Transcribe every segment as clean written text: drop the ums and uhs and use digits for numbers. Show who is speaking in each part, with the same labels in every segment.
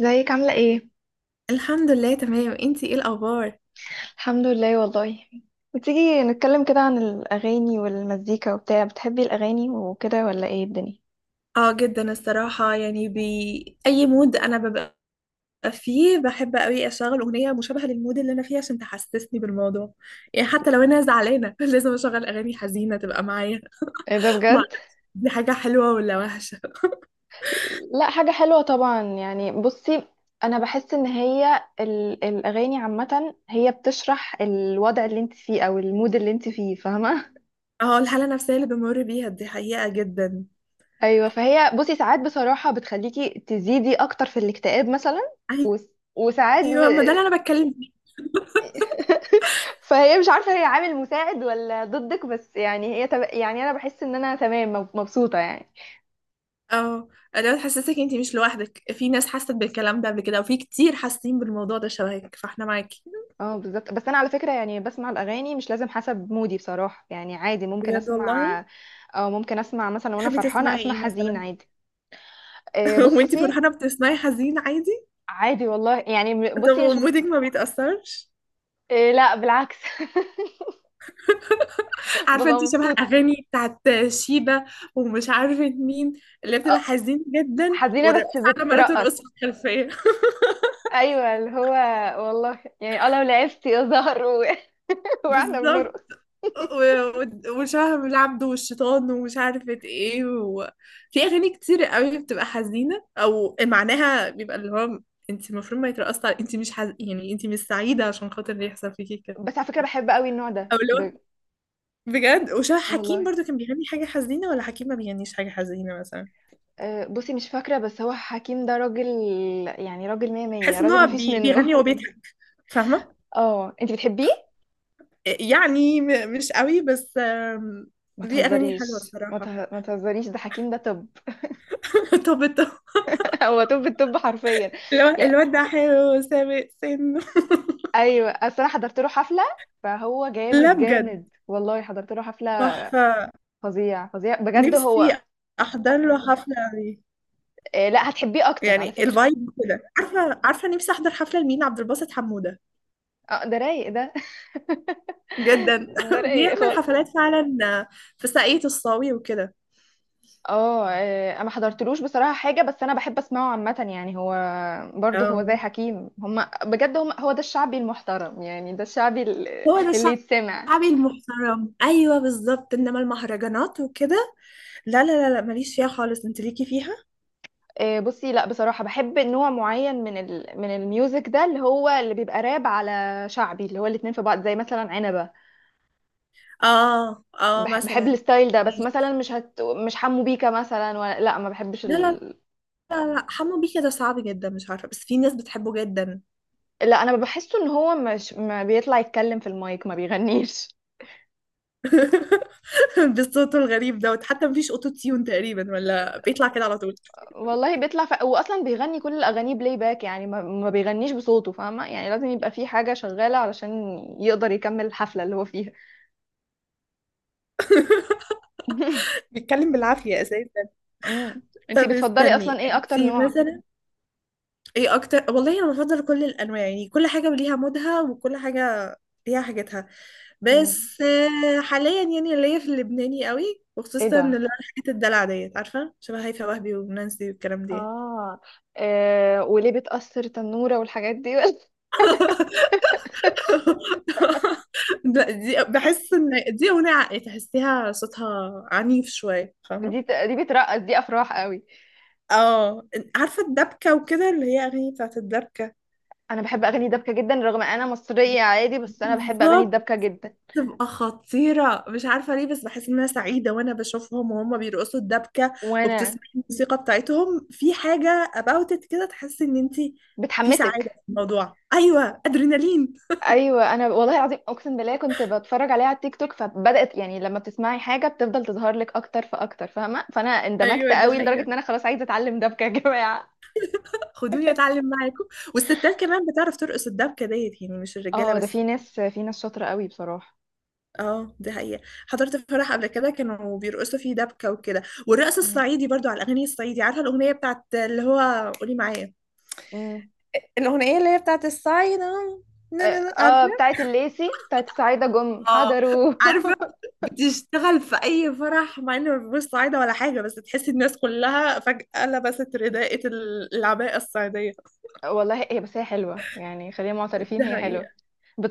Speaker 1: ازيك عاملة ايه؟
Speaker 2: الحمد لله تمام، انتي ايه الاخبار؟
Speaker 1: الحمد لله والله. وتيجي نتكلم كده عن الأغاني والمزيكا وبتاع بتحبي الأغاني وكده ولا ايه الدنيا؟
Speaker 2: اه، جدا الصراحة، يعني بأي مود انا ببقى فيه بحب قوي اشغل اغنية مشابهة للمود اللي انا فيه، عشان تحسسني بالموضوع. يعني حتى لو انا زعلانة لازم اشغل اغاني حزينة تبقى معايا.
Speaker 1: ايه ده
Speaker 2: ما
Speaker 1: بجد.
Speaker 2: أعرف، دي حاجة حلوة ولا وحشة؟
Speaker 1: لا حاجة حلوة طبعا يعني بصي، أنا بحس إن هي الأغاني عامة هي بتشرح الوضع اللي انت فيه أو المود اللي انت فيه فاهمة؟
Speaker 2: اه، الحالة النفسية اللي بمر بيها دي حقيقة جدا.
Speaker 1: أيوة فهي بصي ساعات بصراحة بتخليكي تزيدي أكتر في الاكتئاب مثلا و- وساعات
Speaker 2: ايوه، ما ده اللي انا بتكلم فيه.
Speaker 1: فهي مش عارفة هي عامل مساعد ولا ضدك، بس يعني هي يعني انا بحس ان انا تمام مبسوطة يعني.
Speaker 2: اه، لو تحسسك انتي مش لوحدك، في ناس حست بالكلام ده قبل كده، وفي كتير حاسين بالموضوع ده شبهك، فاحنا معاكي.
Speaker 1: اه بالظبط، بس انا على فكرة يعني بسمع الاغاني مش لازم حسب مودي بصراحة، يعني عادي ممكن
Speaker 2: بجد
Speaker 1: اسمع
Speaker 2: والله.
Speaker 1: او ممكن اسمع مثلا وانا
Speaker 2: بتحبي
Speaker 1: فرحانة
Speaker 2: تسمعي
Speaker 1: اسمع
Speaker 2: ايه
Speaker 1: حزين
Speaker 2: مثلا؟
Speaker 1: عادي.
Speaker 2: وانتي
Speaker 1: بصي
Speaker 2: فرحانه بتسمعي حزين عادي؟
Speaker 1: عادي والله يعني
Speaker 2: طب
Speaker 1: بصي مش
Speaker 2: ومودك ما بيتأثرش؟
Speaker 1: لا بالعكس
Speaker 2: عارفه
Speaker 1: ببقى
Speaker 2: انتي شبه
Speaker 1: مبسوطة.
Speaker 2: اغاني بتاعت شيبة، ومش عارفه مين، اللي بتبقى
Speaker 1: آه،
Speaker 2: حزين جدا
Speaker 1: حزينة بس
Speaker 2: والرقاصه عماله ترقص
Speaker 1: بترقص.
Speaker 2: في الخلفيه.
Speaker 1: ايوه اللي هو، والله يعني اه لو لعبت يا زهر واحنا
Speaker 2: بالظبط.
Speaker 1: بنرقص.
Speaker 2: وشهم العبد والشيطان ومش عارفة ايه. في أغاني كتير قوي بتبقى حزينة أو معناها بيبقى اللي هو، انت المفروض ما يترقصش على، انت مش يعني انت مش سعيدة عشان خاطر اللي يحصل فيكي كده،
Speaker 1: بس على فكرة بحب قوي النوع ده
Speaker 2: أو اللي هو. بجد وشاه حكيم
Speaker 1: والله
Speaker 2: برضو كان بيغني حاجة حزينة، ولا حكيم ما بيغنيش حاجة حزينة مثلا؟
Speaker 1: بصي مش فاكرة، بس هو حكيم ده راجل، يعني راجل مية مية،
Speaker 2: بحس ان
Speaker 1: راجل
Speaker 2: هو
Speaker 1: مفيش منه
Speaker 2: بيغني وهو بيضحك، فاهمة؟
Speaker 1: اه انتي بتحبيه؟
Speaker 2: يعني مش قوي بس.
Speaker 1: ما
Speaker 2: ليه أغاني حلوة
Speaker 1: تهزريش،
Speaker 2: الصراحة.
Speaker 1: ما تهزريش، ده حكيم ده طب.
Speaker 2: طب، طب.
Speaker 1: هو طب الطب حرفيا. يا...
Speaker 2: الواد ده حلو سابق سنه.
Speaker 1: ايوه اصل انا حضرت له حفلة فهو جامد
Speaker 2: لا، بجد،
Speaker 1: جامد والله، حضرت له حفلة
Speaker 2: تحفة،
Speaker 1: فظيع فظيع بجد هو.
Speaker 2: نفسي أحضر له حفلة عليه.
Speaker 1: لا هتحبيه اكتر على
Speaker 2: يعني
Speaker 1: فكرة.
Speaker 2: الفايب كده، عارفة؟ عارفة، نفسي أحضر حفلة لمين؟ عبد الباسط حمودة
Speaker 1: اه ده رايق ده.
Speaker 2: جدا.
Speaker 1: ده رايق
Speaker 2: بيعمل
Speaker 1: خالص.
Speaker 2: حفلات فعلا في ساقية الصاوي وكده.
Speaker 1: اه، انا ما حضرتلوش بصراحه حاجه، بس انا بحب اسمعه عامه، يعني هو برضه هو زي
Speaker 2: آه.
Speaker 1: حكيم، هم بجد هم هو ده الشعبي المحترم، يعني ده الشعبي
Speaker 2: هو ده
Speaker 1: اللي يتسمع.
Speaker 2: الشعبي المحترم، ايوه بالظبط، انما المهرجانات وكده، لا، لا، لا، لا، ماليش فيها خالص، انت ليكي فيها.
Speaker 1: بصي لا بصراحه بحب نوع معين من من الميوزك ده اللي هو اللي بيبقى راب على شعبي، اللي هو الاتنين في بعض زي مثلا عنبه.
Speaker 2: اه، اه،
Speaker 1: بحب
Speaker 2: مثلا.
Speaker 1: الستايل ده، بس مثلا
Speaker 2: ماشي.
Speaker 1: مش حمو بيكا مثلا، ولا لا ما بحبش
Speaker 2: لا، لا، لا، لا، حمو بيكا ده صعب جدا، مش عارفه، بس في ناس بتحبه جدا.
Speaker 1: لا انا بحسه ان هو مش ما بيطلع يتكلم في المايك ما بيغنيش.
Speaker 2: بصوته الغريب دوت، حتى مفيش اوتو تيون تقريبا، ولا بيطلع كده على طول.
Speaker 1: والله بيطلع هو اصلا بيغني كل الاغاني بلاي باك، يعني ما بيغنيش بصوته فاهمه، يعني لازم يبقى في حاجه شغاله علشان يقدر يكمل الحفله اللي هو فيها.
Speaker 2: بيتكلم بالعافيه اساسا.
Speaker 1: مم. انتي
Speaker 2: طب
Speaker 1: بتفضلي اصلا
Speaker 2: استني
Speaker 1: ايه اكتر
Speaker 2: انت،
Speaker 1: نوع؟
Speaker 2: مثلا ايه اكتر؟ والله انا بفضل كل الانواع، يعني كل حاجه وليها مودها وكل حاجه ليها حاجتها،
Speaker 1: مم.
Speaker 2: بس حاليا يعني ليا في اللبناني قوي،
Speaker 1: ايه
Speaker 2: وخصوصا
Speaker 1: ده؟
Speaker 2: اللي هو الحاجات الدلع ديت، عارفه؟ شبه هيفاء وهبي ونانسي والكلام دي.
Speaker 1: آه. اه وليه بتأثر تنورة والحاجات دي
Speaker 2: لا، دي بحس ان دي اغنيه عقل، تحسيها صوتها عنيف شويه،
Speaker 1: دي
Speaker 2: فاهمه؟
Speaker 1: دي بترقص، دي افراح قوي.
Speaker 2: اه، عارفه الدبكه وكده، اللي هي اغاني بتاعت الدبكه.
Speaker 1: انا بحب اغاني دبكة جدا رغم انا مصرية عادي، بس انا بحب اغاني
Speaker 2: بالظبط،
Speaker 1: الدبكة جدا.
Speaker 2: تبقى خطيرة، مش عارفة ليه، بس بحس إن أنا سعيدة وأنا بشوفهم وهم بيرقصوا الدبكة،
Speaker 1: وانا
Speaker 2: وبتسمعي الموسيقى بتاعتهم، في حاجة about it كده تحسي إن أنتي في سعادة
Speaker 1: بتحمسك.
Speaker 2: في الموضوع. أيوة، أدرينالين.
Speaker 1: ايوه انا والله العظيم اقسم بالله كنت بتفرج عليها على التيك توك فبدات، يعني لما بتسمعي حاجه بتفضل تظهر لك اكتر فاكتر فاهمه، فانا اندمجت
Speaker 2: ايوه، دي
Speaker 1: قوي لدرجه
Speaker 2: حقيقة.
Speaker 1: ان انا خلاص عايزه اتعلم دبكه يا جماعه.
Speaker 2: خدوني أتعلم معاكم. والستات كمان بتعرف ترقص الدبكة ديت، يعني مش الرجالة
Speaker 1: اه ده في
Speaker 2: بس.
Speaker 1: ناس في ناس شاطره قوي بصراحه.
Speaker 2: اه، دي حقيقة. حضرت فرح قبل كده، كانوا بيرقصوا فيه دبكة وكده، والرقص
Speaker 1: مم.
Speaker 2: الصعيدي برضو على الأغاني الصعيدي، عارفة الأغنية بتاعت اللي هو قولي معايا،
Speaker 1: مم.
Speaker 2: الأغنية اللي هي بتاعت الصعيدة.
Speaker 1: اه،
Speaker 2: نا- نا- نا-
Speaker 1: بتاعت الليسي، بتاعت سعيده جم
Speaker 2: اه،
Speaker 1: حضروا.
Speaker 2: عارفه. بتشتغل في اي فرح، مع ان مفيش صعيده ولا حاجه، بس تحسي الناس كلها فجاه لبست رداءة العباءه الصعيديه.
Speaker 1: والله هي، بس هي حلوه يعني، خلينا معترفين
Speaker 2: ده
Speaker 1: هي
Speaker 2: حقيقه.
Speaker 1: حلوه.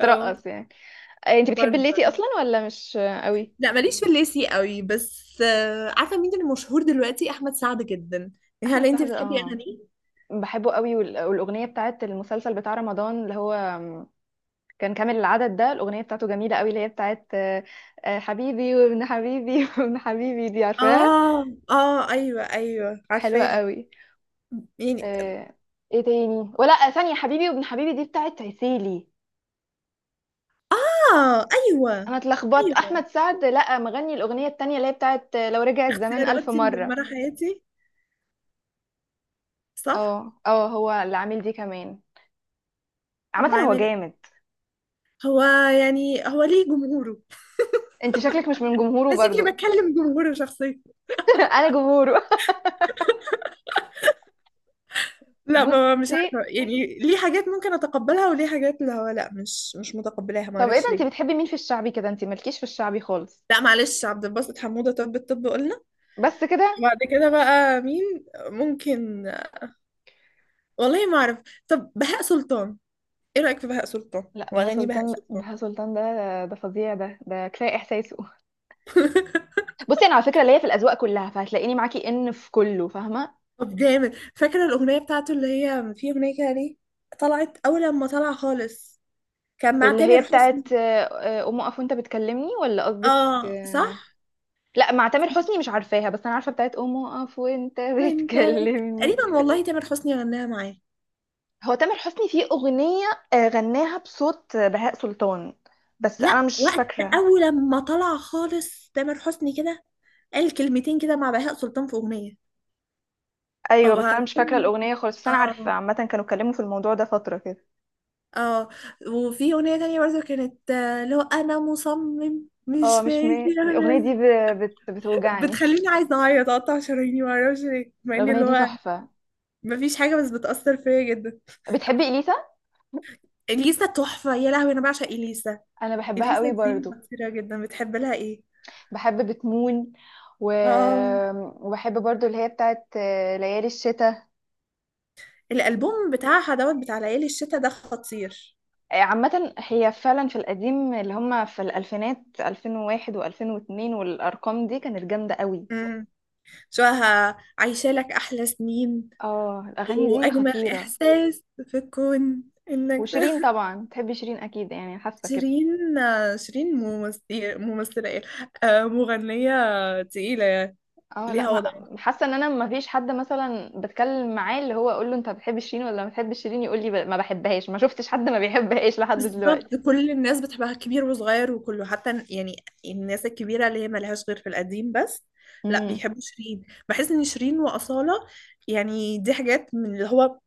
Speaker 2: اه،
Speaker 1: يعني. انت بتحبي
Speaker 2: برضه.
Speaker 1: الليسي اصلا ولا مش قوي؟
Speaker 2: لا، ماليش في الليسي قوي، بس عارفه مين اللي مشهور دلوقتي؟ احمد سعد جدا. هل
Speaker 1: احمد
Speaker 2: انت
Speaker 1: سعد،
Speaker 2: بتحبي
Speaker 1: اه
Speaker 2: اغانيه؟
Speaker 1: بحبه قوي، والاغنيه بتاعت المسلسل بتاع رمضان اللي هو كان كامل العدد ده، الأغنية بتاعته جميلة قوي اللي هي بتاعت حبيبي وابن حبيبي وابن حبيبي دي عارفاها.
Speaker 2: اه، اه، ايوه، ايوه،
Speaker 1: حلوة
Speaker 2: عارفاها،
Speaker 1: قوي.
Speaker 2: يعني.
Speaker 1: آه، ايه تاني؟ ولا ثانية حبيبي وابن حبيبي دي بتاعت عسيلي.
Speaker 2: اه، ايوه،
Speaker 1: انا اتلخبطت،
Speaker 2: ايوه،
Speaker 1: احمد سعد لا مغني الأغنية التانية اللي هي بتاعت لو رجع الزمان ألف
Speaker 2: اختياراتي
Speaker 1: مرة.
Speaker 2: مدمره حياتي، صح.
Speaker 1: اه اه هو اللي عامل دي كمان، عامة هو
Speaker 2: وعامل ايه
Speaker 1: جامد.
Speaker 2: هو؟ يعني هو ليه جمهوره.
Speaker 1: انت شكلك مش من جمهوره
Speaker 2: انا
Speaker 1: برضو.
Speaker 2: شكلي بتكلم جمهور شخصيا.
Speaker 1: انا جمهوره.
Speaker 2: لا، ما مش
Speaker 1: بصي،
Speaker 2: عارفه يعني، ليه حاجات ممكن اتقبلها وليه حاجات اللي هو لا مش متقبلاها، ما
Speaker 1: طب ايه
Speaker 2: اعرفش
Speaker 1: ده، انت
Speaker 2: ليه.
Speaker 1: بتحبي مين في الشعبي كده؟ انت مالكيش في الشعبي خالص.
Speaker 2: لا، معلش، عبد الباسط حموده طب الطب قلنا،
Speaker 1: بس كده.
Speaker 2: بعد كده بقى مين؟ ممكن، والله ما اعرف. طب بهاء سلطان، ايه رايك في بهاء سلطان
Speaker 1: لا بهاء
Speaker 2: واغاني بهاء
Speaker 1: سلطان،
Speaker 2: سلطان؟
Speaker 1: بهاء سلطان ده ده فظيع، ده كفايه احساسه. بصي انا على فكره ليا في الاذواق كلها، فهتلاقيني معاكي ان في كله فاهمه.
Speaker 2: طب جامد، فاكره الاغنيه بتاعته؟ اللي هي في اغنيه كده، ليه طلعت اول لما طلع خالص، كان مع
Speaker 1: اللي هي
Speaker 2: تامر حسني.
Speaker 1: بتاعت قوم اقف وانت بتكلمني، ولا قصدك
Speaker 2: اه، صح.
Speaker 1: لا مع تامر حسني مش عارفاها، بس انا عارفه بتاعت قوم اقف وانت
Speaker 2: انت
Speaker 1: بتكلمني.
Speaker 2: تقريبا والله تامر حسني غناها معاه.
Speaker 1: هو تامر حسني فيه اغنيه غناها بصوت بهاء سلطان، بس انا
Speaker 2: لا،
Speaker 1: مش
Speaker 2: وقت
Speaker 1: فاكره.
Speaker 2: اول ما طلع خالص تامر حسني كده، قال كلمتين كده مع بهاء سلطان في اغنيه. او
Speaker 1: ايوه بس انا مش فاكره
Speaker 2: بعدين-
Speaker 1: الاغنيه خالص، بس انا عارفه
Speaker 2: اه،
Speaker 1: عامه كانوا اتكلموا في الموضوع ده فتره كده.
Speaker 2: اه، وفي اغنيه تانية برضه كانت لو انا مصمم
Speaker 1: اه
Speaker 2: مش
Speaker 1: مش
Speaker 2: ماشي انا.
Speaker 1: الاغنيه دي بتوجعني.
Speaker 2: بتخليني عايزه اعيط، اقطع شراييني معرفش ليه، مع ان
Speaker 1: الأغنية
Speaker 2: اللي
Speaker 1: دي
Speaker 2: هو
Speaker 1: تحفة.
Speaker 2: مفيش حاجه، بس بتاثر فيا جدا.
Speaker 1: بتحبي إليسا؟
Speaker 2: اليسا تحفه، يا لهوي انا بعشق اليسا.
Speaker 1: أنا بحبها
Speaker 2: اليسا
Speaker 1: قوي
Speaker 2: دي
Speaker 1: برضو.
Speaker 2: خطيره جدا، بتحب لها ايه؟
Speaker 1: بحب بتمون و...
Speaker 2: اه،
Speaker 1: وبحب برضو اللي هي بتاعت ليالي الشتاء.
Speaker 2: الالبوم بتاعها دوت، بتاع ليالي الشتاء ده خطير.
Speaker 1: عامة هي فعلا في القديم اللي هم في الألفينات، 2001 و2002 والأرقام دي كانت جامدة قوي.
Speaker 2: مم. شو عايشة لك أحلى سنين
Speaker 1: اه الأغاني دي
Speaker 2: وأجمل
Speaker 1: خطيرة.
Speaker 2: إحساس في الكون إنك ده.
Speaker 1: وشيرين طبعا، تحبي شيرين أكيد يعني، حاسة كده؟
Speaker 2: شيرين، شيرين ممثلة، ممثلة إيه؟ مغنية تقيلة يعني،
Speaker 1: اه لا
Speaker 2: ليها وضع.
Speaker 1: ما حاسة ان انا ما فيش حد مثلا بتكلم معاه اللي هو اقول له انت بتحب شيرين ولا ما بتحبش شيرين يقول لي ما بحبهاش، ما شفتش حد ما بيحبهاش لحد
Speaker 2: بالظبط،
Speaker 1: دلوقتي.
Speaker 2: كل الناس بتحبها، كبير وصغير وكله، حتى يعني الناس الكبيرة اللي هي ملهاش غير في القديم بس، لا،
Speaker 1: امم.
Speaker 2: بيحبوا شيرين، بحس إن شيرين وأصالة، يعني دي حاجات من اللي هو،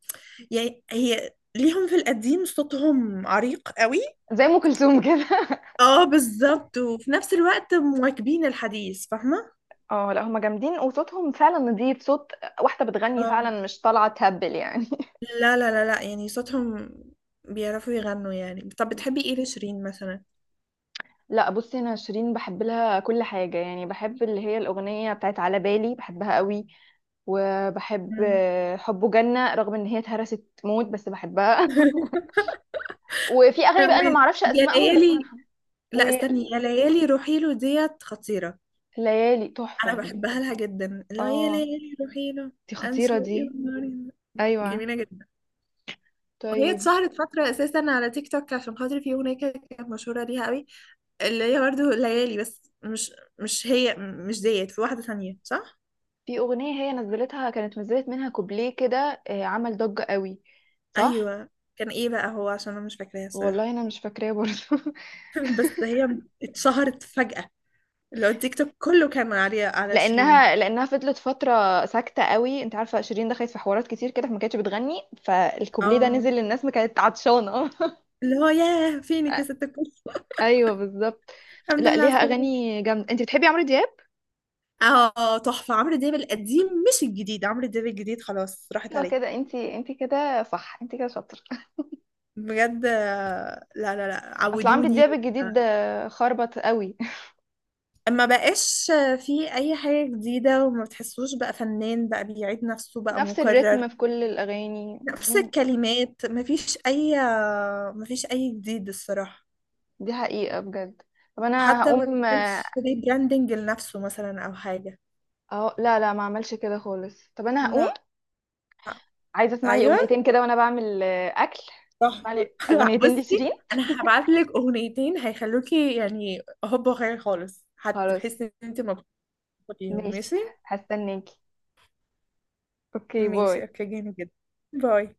Speaker 2: يعني هي ليهم في القديم صوتهم عريق قوي.
Speaker 1: زي ام كلثوم كده
Speaker 2: اه، بالظبط، وفي نفس الوقت مواكبين الحديث، فاهمة؟
Speaker 1: اه لا هما جامدين وصوتهم فعلا نضيف، صوت واحده بتغني
Speaker 2: اه،
Speaker 1: فعلا مش طالعه تهبل يعني.
Speaker 2: لا، لا، لا، لا، يعني صوتهم بيعرفوا يغنوا يعني. طب بتحبي ايه لشيرين مثلا؟
Speaker 1: لا بصي انا شيرين بحب لها كل حاجه، يعني بحب اللي هي الاغنيه بتاعت على بالي بحبها قوي. وبحب
Speaker 2: مم.
Speaker 1: حبه جنه رغم ان هي اتهرست موت بس بحبها وفي اغاني بقى انا
Speaker 2: أول-
Speaker 1: معرفش
Speaker 2: يا
Speaker 1: اسمائهم بس انا
Speaker 2: ليالي، لا استني، يا ليالي روحي له ديت خطيرة،
Speaker 1: وليالي
Speaker 2: انا
Speaker 1: تحفه.
Speaker 2: بحبها لها جدا، لا يا
Speaker 1: اه
Speaker 2: ليالي روحي له،
Speaker 1: دي خطيره
Speaker 2: انسو
Speaker 1: دي.
Speaker 2: ايه وناري،
Speaker 1: ايوه.
Speaker 2: جميلة جدا. وهي
Speaker 1: طيب.
Speaker 2: اتشهرت فترة اساسا على تيك توك عشان خاطر في اغنية كده كانت مشهورة ليها قوي، اللي هي برضه ليالي، بس مش هي، مش ديت، في واحدة ثانية صح؟
Speaker 1: في أغنية هي نزلتها، كانت نزلت منها كوبليه كده عمل ضجة قوي، صح؟
Speaker 2: أيوة. كان ايه بقى هو، عشان أنا مش فاكراها الصراحة.
Speaker 1: والله أنا مش فاكراه برضه.
Speaker 2: بس هي اتشهرت فجأة، اللي هو التيك توك كله كان عليها، على شيرين.
Speaker 1: لأنها فضلت فترة ساكتة قوي، أنت عارفة شيرين دخلت في حوارات كتير كده فما كانتش بتغني، فالكوبليه ده
Speaker 2: اه،
Speaker 1: نزل للناس ما كانت عطشانة.
Speaker 2: اللي هو ياه فينك يا ست الكل.
Speaker 1: أيوه بالظبط.
Speaker 2: الحمد
Speaker 1: لا
Speaker 2: لله على
Speaker 1: ليها
Speaker 2: السلامة.
Speaker 1: أغاني جامدة. أنت بتحبي عمرو دياب؟
Speaker 2: اه، تحفة، عمرو دياب القديم مش الجديد، عمرو دياب الجديد خلاص راحت
Speaker 1: أيوه
Speaker 2: عليه.
Speaker 1: كده، أنت كده صح، أنت كده شاطرة.
Speaker 2: بجد، لا، لا، لا،
Speaker 1: أصل عمرو
Speaker 2: عودوني.
Speaker 1: دياب الجديد خربط قوي.
Speaker 2: ما بقاش في اي حاجة جديدة وما بتحسوش، بقى فنان بقى بيعيد نفسه بقى
Speaker 1: نفس
Speaker 2: مكرر،
Speaker 1: الريتم في كل الأغاني.
Speaker 2: نفس الكلمات، ما فيش اي جديد الصراحة.
Speaker 1: دي حقيقة بجد. طب انا
Speaker 2: حتى ما
Speaker 1: هقوم
Speaker 2: بيعملش ريبراندنج لنفسه مثلا او حاجة.
Speaker 1: اهو لا لا ما اعملش كده خالص، طب انا
Speaker 2: لا،
Speaker 1: هقوم عايزة اسمع لي
Speaker 2: ايوه،
Speaker 1: اغنيتين كده وانا بعمل اكل. اسمع
Speaker 2: تحفة.
Speaker 1: لي اغنيتين لشيرين.
Speaker 2: بصي انا هبعت لك اغنيتين هيخلوكي، يعني هوب، وخير خالص
Speaker 1: خلاص.
Speaker 2: هتحسي ان انت مبسوطة بيهم.
Speaker 1: ماشي.
Speaker 2: ماشي،
Speaker 1: هستناكي. اوكي
Speaker 2: ماشي،
Speaker 1: باي.
Speaker 2: اوكي، جامد جدا. باي.